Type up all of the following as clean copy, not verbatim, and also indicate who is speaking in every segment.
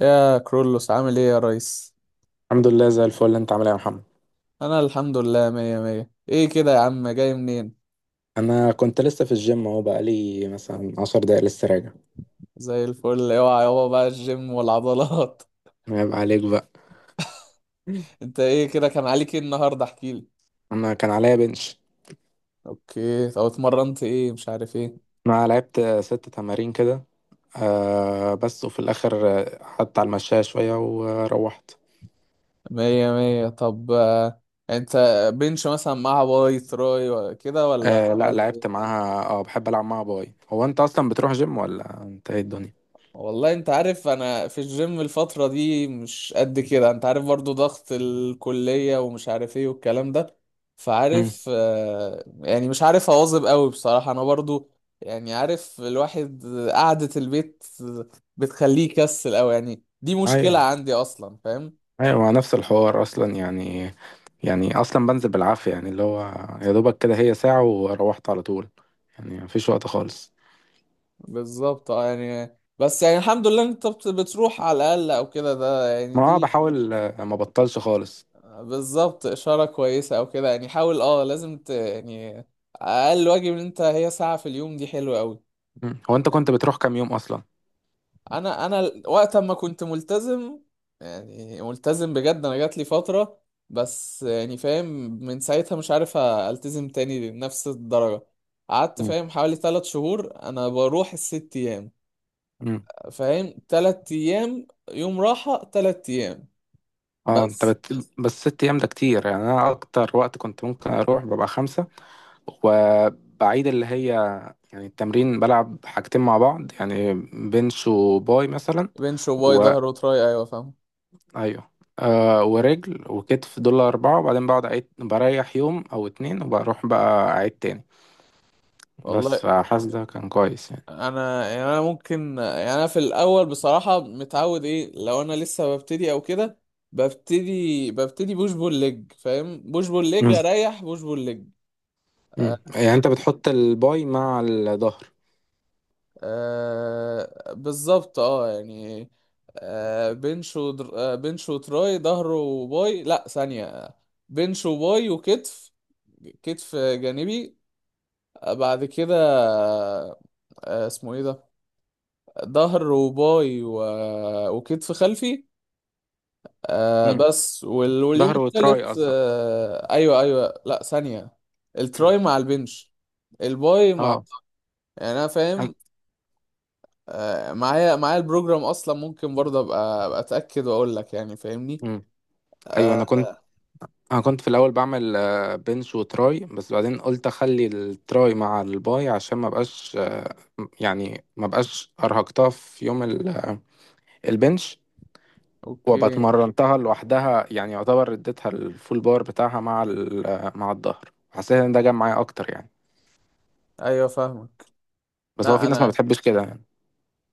Speaker 1: يا كرولوس، عامل ايه يا ريس؟
Speaker 2: الحمد لله زي الفل. انت عامل ايه يا محمد؟
Speaker 1: انا الحمد لله، مية مية. ايه كده يا عم؟ جاي منين؟
Speaker 2: انا كنت لسه في الجيم اهو، بقالي مثلا 10 دقايق لسه راجع.
Speaker 1: زي الفل. اوعى يابا بقى الجيم والعضلات.
Speaker 2: عيب عليك بقى.
Speaker 1: انت ايه كده؟ كان عليك ايه النهارده؟ احكيلي.
Speaker 2: انا كان عليا بنش.
Speaker 1: اوكي. طب اتمرنت ايه؟ مش عارف ايه.
Speaker 2: انا لعبت 6 تمارين كده. بس وفي الاخر قعدت على المشاية شوية وروحت.
Speaker 1: مية مية. طب انت بنش مثلا مع باي تراي كده، ولا
Speaker 2: آه، لا
Speaker 1: عملت؟
Speaker 2: لعبت معاها. اه بحب العب معاها باي. هو انت اصلا بتروح جيم ولا انت ايه الدنيا؟
Speaker 1: والله انت عارف، انا في الجيم الفترة دي مش قد كده. انت عارف برضو ضغط الكلية ومش عارف ايه والكلام ده.
Speaker 2: مم.
Speaker 1: فعارف يعني مش عارف اواظب قوي بصراحة، انا برضو. يعني عارف الواحد قعدة البيت بتخليه يكسل قوي، يعني دي
Speaker 2: ايوه،
Speaker 1: مشكلة عندي اصلا، فاهم؟
Speaker 2: ايوه، نفس الحوار اصلا يعني. يعني اصلا بنزل بالعافية يعني اللي هو يا دوبك كده هي ساعة، وروحت على طول. يعني مفيش وقت خالص.
Speaker 1: بالظبط اه. يعني بس يعني الحمد لله انت بتروح على الاقل او كده، ده يعني
Speaker 2: ما
Speaker 1: دي
Speaker 2: بحاول، ما بطلش خالص.
Speaker 1: بالظبط إشارة كويسة أو كده. يعني حاول، اه لازم يعني أقل واجب إن أنت هي ساعة في اليوم، دي حلوة أوي.
Speaker 2: مم. هو انت كنت بتروح كام يوم اصلا؟
Speaker 1: أنا وقت ما كنت ملتزم، يعني ملتزم بجد، أنا جات لي فترة. بس يعني فاهم، من ساعتها مش عارف ألتزم تاني لنفس الدرجة. قعدت
Speaker 2: مم.
Speaker 1: فاهم حوالي تلات شهور أنا بروح الست أيام.
Speaker 2: مم.
Speaker 1: فاهم تلات أيام يوم راحة تلات أيام.
Speaker 2: اه انت
Speaker 1: بس.
Speaker 2: بت... بس ست ايام ده كتير. يعني انا اكتر وقت كنت ممكن اروح ببقى خمسة، وبعيد اللي هي، يعني التمرين بلعب حاجتين مع بعض يعني، بنش وباي مثلا،
Speaker 1: بنش وباي،
Speaker 2: و،
Speaker 1: ظهر وتراي، أيوة فاهم.
Speaker 2: ايوه، آه، ورجل وكتف، دول اربعة، وبعدين بقعد أعيد، بريح يوم او اتنين وبروح بقى اعيد تاني. بس
Speaker 1: والله
Speaker 2: فحاسس ده كان كويس يعني.
Speaker 1: انا يعني انا ممكن، يعني انا في الاول بصراحه متعود، ايه لو انا لسه ببتدي او كده. ببتدي بوش بول ليج، فاهم؟ بوش بول ليج
Speaker 2: مم.
Speaker 1: اريح، بوش بول ليج.
Speaker 2: مم.
Speaker 1: آه.
Speaker 2: يعني انت بتحط الباي مع الظهر؟
Speaker 1: بالظبط اه يعني. آه بنش ودر... آه بنش وتراي، ظهر وباي، لا ثانيه. بنش وباي وكتف. كتف جانبي. بعد كده. آه اسمه ايه ده؟ ظهر وباي وكتف خلفي. آه بس واليوم
Speaker 2: ظهر وتراي
Speaker 1: التالت
Speaker 2: قصدك؟
Speaker 1: آه ايوه ايوه لا ثانية. التراي مع البنش. الباي مع.
Speaker 2: اه.
Speaker 1: يعني انا
Speaker 2: أنا...
Speaker 1: فاهم. آه معايا البروجرام اصلا، ممكن برضه ابقى اتاكد واقول لك، يعني فاهمني؟
Speaker 2: مم. ايوه، انا
Speaker 1: آه.
Speaker 2: كنت انا كنت في الاول بعمل بنش وتراي، بس بعدين قلت اخلي التراي مع الباي عشان ما بقاش يعني ما بقاش ارهقتها في يوم البنش، وابقى
Speaker 1: اوكي.
Speaker 2: اتمرنتها لوحدها يعني. يعتبر اديتها الفول بار بتاعها مع مع الظهر. حسيت ان ده جاب معايا اكتر يعني.
Speaker 1: ايوه فاهمك.
Speaker 2: بس هو في
Speaker 1: لا
Speaker 2: ناس ما
Speaker 1: انا.
Speaker 2: بتحبش كده يعني.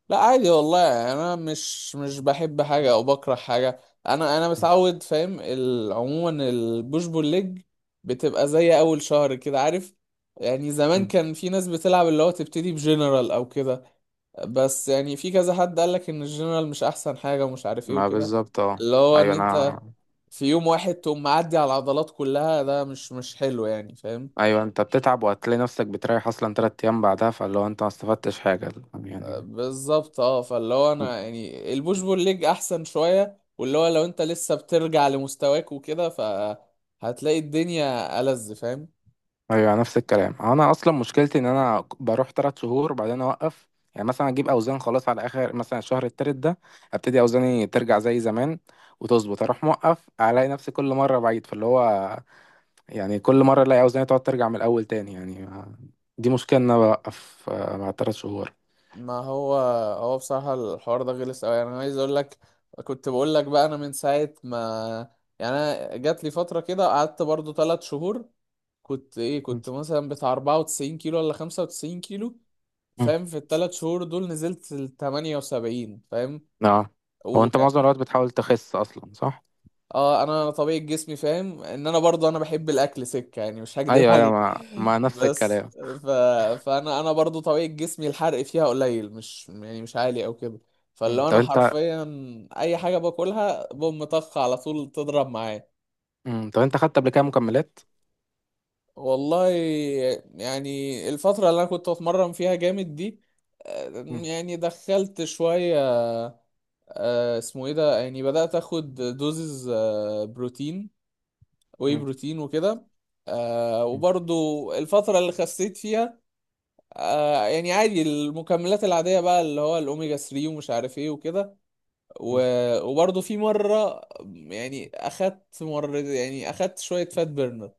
Speaker 1: لا عادي والله، انا مش بحب حاجه او بكره حاجه. انا متعود فاهم عموما البوش بول ليج بتبقى زي اول شهر كده، عارف؟ يعني زمان
Speaker 2: مم.
Speaker 1: كان في ناس بتلعب اللي هو تبتدي بجنرال او كده. بس يعني في كذا حد قالك ان الجنرال مش احسن حاجه ومش عارف ايه
Speaker 2: ما
Speaker 1: وكده.
Speaker 2: بالظبط، اه.
Speaker 1: اللي هو
Speaker 2: ايوه،
Speaker 1: ان
Speaker 2: انا،
Speaker 1: انت في يوم واحد تقوم معدي على العضلات كلها، ده مش حلو يعني، فاهم؟
Speaker 2: ايوه، انت بتتعب وهتلاقي نفسك بتريح اصلا 3 ايام بعدها، فاللي هو انت ما استفدتش حاجه يعني.
Speaker 1: بالظبط اه. فاللي هو انا يعني البوش بول ليج احسن شويه. واللي هو لو انت لسه بترجع لمستواك وكده، فهتلاقي الدنيا ألذ، فاهم؟
Speaker 2: ايوه، نفس الكلام. انا اصلا مشكلتي ان انا بروح 3 شهور بعدين اوقف. يعني مثلا اجيب اوزان خلاص على اخر مثلا الشهر التالت ده، ابتدي اوزاني ترجع زي زمان وتظبط، اروح موقف، الاقي نفسي كل مره بعيد، فاللي هو يعني كل مره الاقي اوزاني تقعد ترجع من الاول تاني يعني. دي مشكله ان انا بوقف بعد 3 شهور.
Speaker 1: ما هو، هو بصراحه الحوار ده غلس قوي. يعني انا عايز اقول لك، كنت بقول لك بقى، انا من ساعه ما يعني. انا جات لي فتره كده قعدت برضو ثلاث شهور. كنت ايه، كنت مثلا بتاع 94 كيلو ولا 95 كيلو،
Speaker 2: مم.
Speaker 1: فاهم؟ في الثلاث شهور دول نزلت ل 78، فاهم؟
Speaker 2: نعم. هو انت معظم الوقت بتحاول تخس اصلا، صح؟
Speaker 1: اه انا طبيعة جسمي فاهم، ان انا برضو انا بحب الاكل سكة، يعني مش هكدب
Speaker 2: ايوه، ايوه،
Speaker 1: عليك.
Speaker 2: ما نفس
Speaker 1: بس
Speaker 2: الكلام.
Speaker 1: فانا برضو طبيعة جسمي الحرق فيها قليل، مش يعني مش عالي او كده.
Speaker 2: مم.
Speaker 1: فلو
Speaker 2: طب
Speaker 1: انا
Speaker 2: انت.
Speaker 1: حرفيا اي حاجة باكلها بوم طخ على طول تضرب معايا.
Speaker 2: مم. طب انت خدت قبل كده مكملات؟
Speaker 1: والله يعني، الفترة اللي انا كنت اتمرن فيها جامد دي،
Speaker 2: مم.
Speaker 1: يعني دخلت شوية. اسمه ايه ده، يعني بدأت اخد دوزز بروتين، واي
Speaker 2: مم.
Speaker 1: بروتين وكده.
Speaker 2: مم.
Speaker 1: وبرضو الفترة اللي خسيت فيها، يعني عادي المكملات العادية بقى، اللي هو الأوميجا 3 ومش عارف ايه وكده.
Speaker 2: مم.
Speaker 1: وبرضو في مرة، يعني أخدت مرة، يعني أخدت شوية فات بيرنر.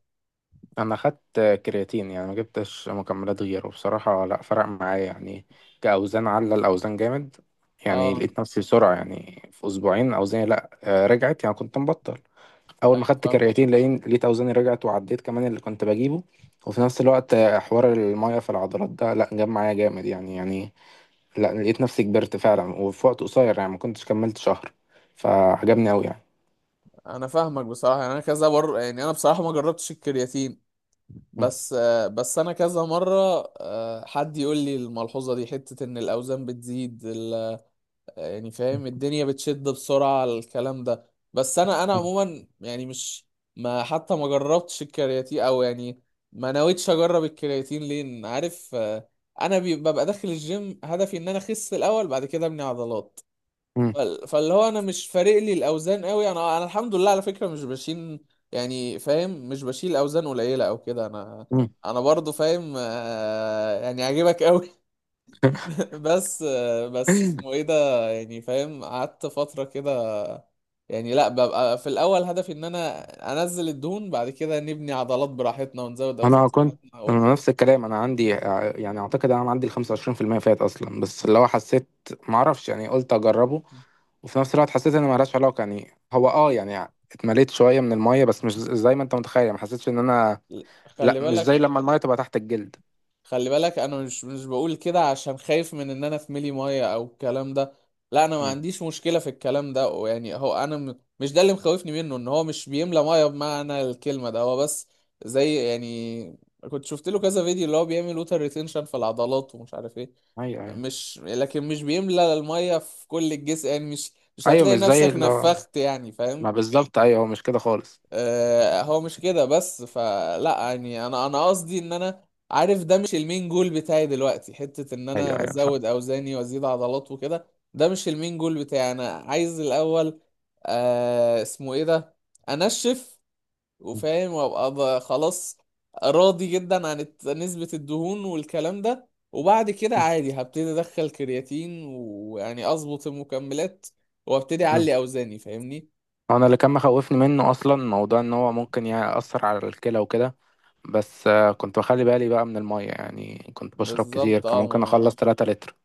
Speaker 2: انا خدت كرياتين. يعني ما جبتش مكملات غيره بصراحة. لا فرق معايا يعني كأوزان. على الأوزان جامد يعني.
Speaker 1: اه
Speaker 2: لقيت نفسي بسرعة يعني في أسبوعين أوزاني، لا، رجعت، يعني كنت مبطل. أول ما
Speaker 1: ايوه
Speaker 2: خدت
Speaker 1: فاهم.
Speaker 2: كرياتين لقيت أوزاني رجعت وعديت كمان اللي كنت بجيبه. وفي نفس الوقت حوار المية في العضلات ده، لا، جاب معايا جامد يعني. يعني لا، لقيت نفسي كبرت فعلا وفي وقت قصير. يعني ما كنتش كملت شهر، فعجبني أوي يعني.
Speaker 1: انا فاهمك بصراحه. يعني انا كذا مره، يعني انا بصراحه ما جربتش الكرياتين.
Speaker 2: مم.
Speaker 1: بس بس انا كذا مره حد يقول لي الملحوظه دي، حته ان الاوزان بتزيد، يعني فاهم الدنيا بتشد بسرعة على الكلام ده. بس انا
Speaker 2: مم.
Speaker 1: عموما يعني مش، ما حتى ما جربتش الكرياتين او يعني ما نويتش اجرب الكرياتين، لان عارف انا ببقى داخل الجيم هدفي ان انا اخس الاول، بعد كده ابني عضلات.
Speaker 2: مم.
Speaker 1: فاللي هو انا مش فارق لي الاوزان قوي، انا الحمد لله على فكرة مش بشيل. يعني فاهم مش بشيل اوزان قليلة او كده. انا
Speaker 2: مم.
Speaker 1: انا برضو فاهم يعني عاجبك قوي، بس. بس اسمه ايه ده، يعني فاهم قعدت فترة كده. يعني لا ببقى في الاول هدفي ان انا انزل الدهون، بعد كده نبني عضلات براحتنا ونزود اوزان
Speaker 2: انا كنت.
Speaker 1: براحتنا
Speaker 2: انا
Speaker 1: وكده.
Speaker 2: نفس الكلام. انا عندي يعني اعتقد انا عندي ال 25% فات اصلا، بس اللي هو حسيت، ما اعرفش، يعني قلت اجربه. وفي نفس الوقت حسيت ان ملهاش علاقه. يعني هو، اه، يعني اتمليت شويه من الميه، بس مش زي ما انت متخيل. ما حسيتش ان انا، لا،
Speaker 1: خلي
Speaker 2: مش
Speaker 1: بالك.
Speaker 2: زي لما الميه تبقى تحت الجلد.
Speaker 1: خلي بالك انا مش بقول كده عشان خايف من ان انا في ملي ميه او الكلام ده. لا انا ما
Speaker 2: مم.
Speaker 1: عنديش مشكلة في الكلام ده. ويعني هو انا مش ده اللي مخوفني منه، ان هو مش بيملى ميه بمعنى الكلمة، ده هو بس زي يعني. كنت شفت له كذا فيديو اللي هو بيعمل ووتر ريتنشن في العضلات ومش عارف ايه.
Speaker 2: ايوه، ايوه.
Speaker 1: مش لكن مش بيملى المية في كل الجسم، يعني مش، مش
Speaker 2: ايوه،
Speaker 1: هتلاقي
Speaker 2: مش زي
Speaker 1: نفسك
Speaker 2: اللي هو،
Speaker 1: نفخت، يعني
Speaker 2: ما
Speaker 1: فاهم؟
Speaker 2: بالظبط، ايوه، هو مش كده خالص.
Speaker 1: آه هو مش كده. بس فلا يعني انا قصدي ان انا عارف ده مش المين جول بتاعي دلوقتي، حتة ان
Speaker 2: ايوه،
Speaker 1: انا
Speaker 2: ايوه، فاهم.
Speaker 1: ازود اوزاني وازيد عضلات وكده. ده مش المين جول بتاعي. انا عايز الاول آه اسمه ايه ده، انشف
Speaker 2: مم.
Speaker 1: وفاهم وابقى خلاص راضي جدا عن نسبة الدهون والكلام ده، وبعد كده عادي هبتدي ادخل كرياتين، ويعني اظبط المكملات وابتدي
Speaker 2: مم.
Speaker 1: اعلي اوزاني، فاهمني؟
Speaker 2: انا اللي كان مخوفني منه اصلا موضوع ان هو ممكن يأثر على الكلى وكده. بس كنت بخلي بالي بقى من المية. يعني كنت بشرب كتير،
Speaker 1: بالظبط
Speaker 2: كان
Speaker 1: اه.
Speaker 2: ممكن
Speaker 1: ما،
Speaker 2: أخلص 3 لتر.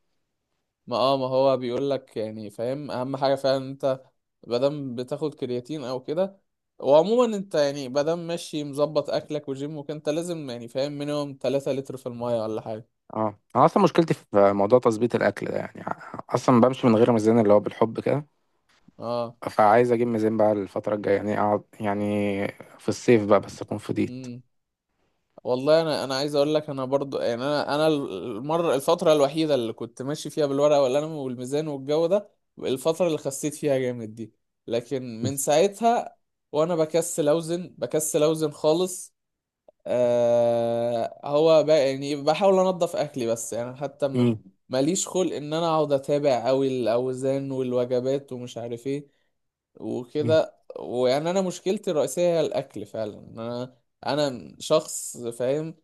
Speaker 1: ما اه ما هو بيقول لك، يعني فاهم اهم حاجة فعلا انت مادام بتاخد كرياتين او كده. وعموما انت يعني مادام ماشي مظبط اكلك وجيمك، انت لازم يعني فاهم مينيمم 3 لتر في المية ولا حاجة.
Speaker 2: اه، أنا أصلا مشكلتي في موضوع تظبيط الأكل ده يعني. أصلا بمشي من غير ميزان، اللي هو بالحب كده.
Speaker 1: اه
Speaker 2: فعايز أجيب ميزان بقى الفترة الجاية، يعني أقعد، يعني في الصيف بقى، بس أكون فضيت.
Speaker 1: والله انا، انا عايز اقول لك انا برضو يعني، انا الفتره الوحيده اللي كنت ماشي فيها بالورقه والقلم والميزان والجو ده، الفتره اللي خسيت فيها جامد دي. لكن من ساعتها وانا بكسل اوزن بكسل اوزن خالص. آه هو بقى يعني بحاول انضف اكلي، بس يعني حتى
Speaker 2: مم.
Speaker 1: ماليش خلق ان انا اقعد اتابع اوي الاوزان والوجبات ومش عارف ايه
Speaker 2: مم.
Speaker 1: وكده. ويعني انا مشكلتي الرئيسيه هي الاكل فعلا. انا انا شخص فاهم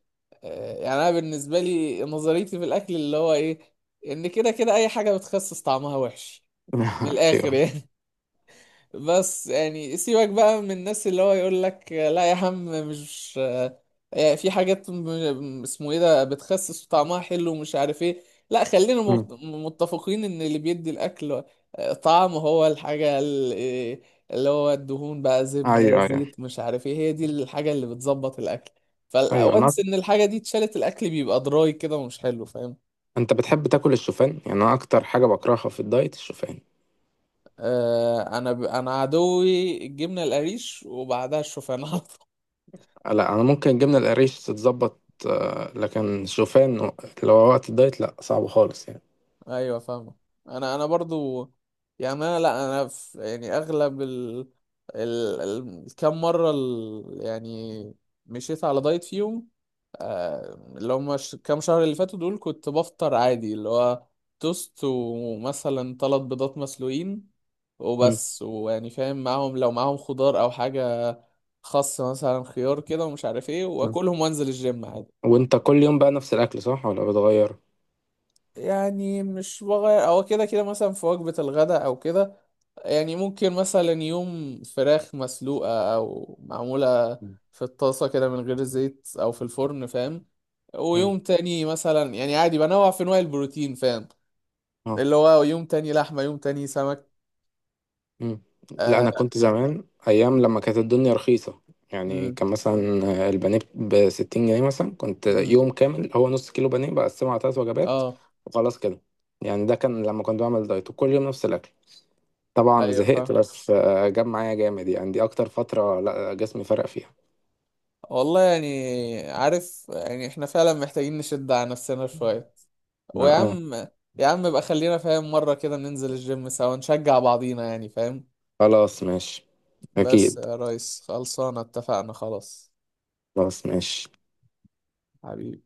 Speaker 1: يعني انا بالنسبه لي نظريتي في الاكل اللي هو ايه، ان كده كده اي حاجه بتخسس طعمها وحش، من الاخر
Speaker 2: أيوه.
Speaker 1: يعني. بس يعني سيبك بقى من الناس اللي هو يقول لك لا يا عم مش. يعني في حاجات اسمه ايه ده بتخسس وطعمها حلو ومش عارف ايه. لا خلينا
Speaker 2: مم.
Speaker 1: متفقين ان اللي بيدي الاكل طعم هو الحاجة اللي هو الدهون بقى، زبدة
Speaker 2: أيوه، أيوه،
Speaker 1: زيت مش عارف ايه، هي دي الحاجة اللي بتظبط الاكل.
Speaker 2: أيوه.
Speaker 1: فالوانس ان الحاجة دي اتشالت الاكل بيبقى دراي كده ومش حلو، فاهم؟
Speaker 2: أنت بتحب تاكل الشوفان؟ يعني أنا أكتر حاجة بكرهها في الدايت الشوفان.
Speaker 1: آه انا انا عدوي الجبنة القريش وبعدها الشوفان
Speaker 2: لا، انا ممكن الجبنه القريش تتظبط، لكن شوفان لو وقت الدايت لا، صعب خالص يعني.
Speaker 1: ايوه فاهمه. انا برضو. يعني انا لا انا في، يعني اغلب الكام مره يعني مشيت على دايت فيهم. كام شهر اللي فاتوا دول كنت بفطر عادي، اللي هو توست ومثلا ثلاث بيضات مسلوقين
Speaker 2: مم.
Speaker 1: وبس. ويعني فاهم معاهم، لو معاهم خضار او حاجه، خس مثلا خيار كده ومش عارف ايه،
Speaker 2: مم.
Speaker 1: واكلهم وانزل الجيم عادي.
Speaker 2: وانت كل يوم بقى نفس الاكل صح ولا بتغير؟
Speaker 1: يعني مش بغير، هو كده كده مثلا في وجبة الغداء أو كده يعني ممكن مثلا يوم فراخ مسلوقة أو معمولة
Speaker 2: مم.
Speaker 1: في الطاسة كده من غير زيت أو في الفرن، فاهم؟
Speaker 2: مم.
Speaker 1: ويوم تاني مثلا يعني عادي بنوع في أنواع البروتين، فاهم؟
Speaker 2: اه.
Speaker 1: اللي هو يوم تاني لحمة، يوم تاني سمك.
Speaker 2: مم. لا
Speaker 1: آه.
Speaker 2: انا كنت زمان ايام
Speaker 1: مم،
Speaker 2: لما كانت الدنيا رخيصه، يعني
Speaker 1: مم،
Speaker 2: كان مثلا البانيه ب 60 جنيه مثلا. كنت
Speaker 1: مم.
Speaker 2: يوم كامل هو نص كيلو بانيه بقسمه على 3 وجبات
Speaker 1: آه
Speaker 2: وخلاص كده. يعني ده كان لما كنت بعمل دايت وكل يوم نفس الاكل، طبعا
Speaker 1: أيوة
Speaker 2: زهقت،
Speaker 1: فاهم.
Speaker 2: بس جاب معايا جامد يعني. دي اكتر فتره لا جسمي فرق فيها.
Speaker 1: والله يعني، عارف يعني إحنا فعلا محتاجين نشد على نفسنا شوية.
Speaker 2: اه.
Speaker 1: ويا
Speaker 2: آه.
Speaker 1: عم، يا عم بقى خلينا فاهم مرة كده ننزل الجيم سوا نشجع بعضينا، يعني فاهم.
Speaker 2: خلاص ماشي.
Speaker 1: بس
Speaker 2: اكيد.
Speaker 1: يا ريس، خلصانة؟ اتفقنا؟ خلاص.
Speaker 2: خلاص ماشي.
Speaker 1: حبيبي.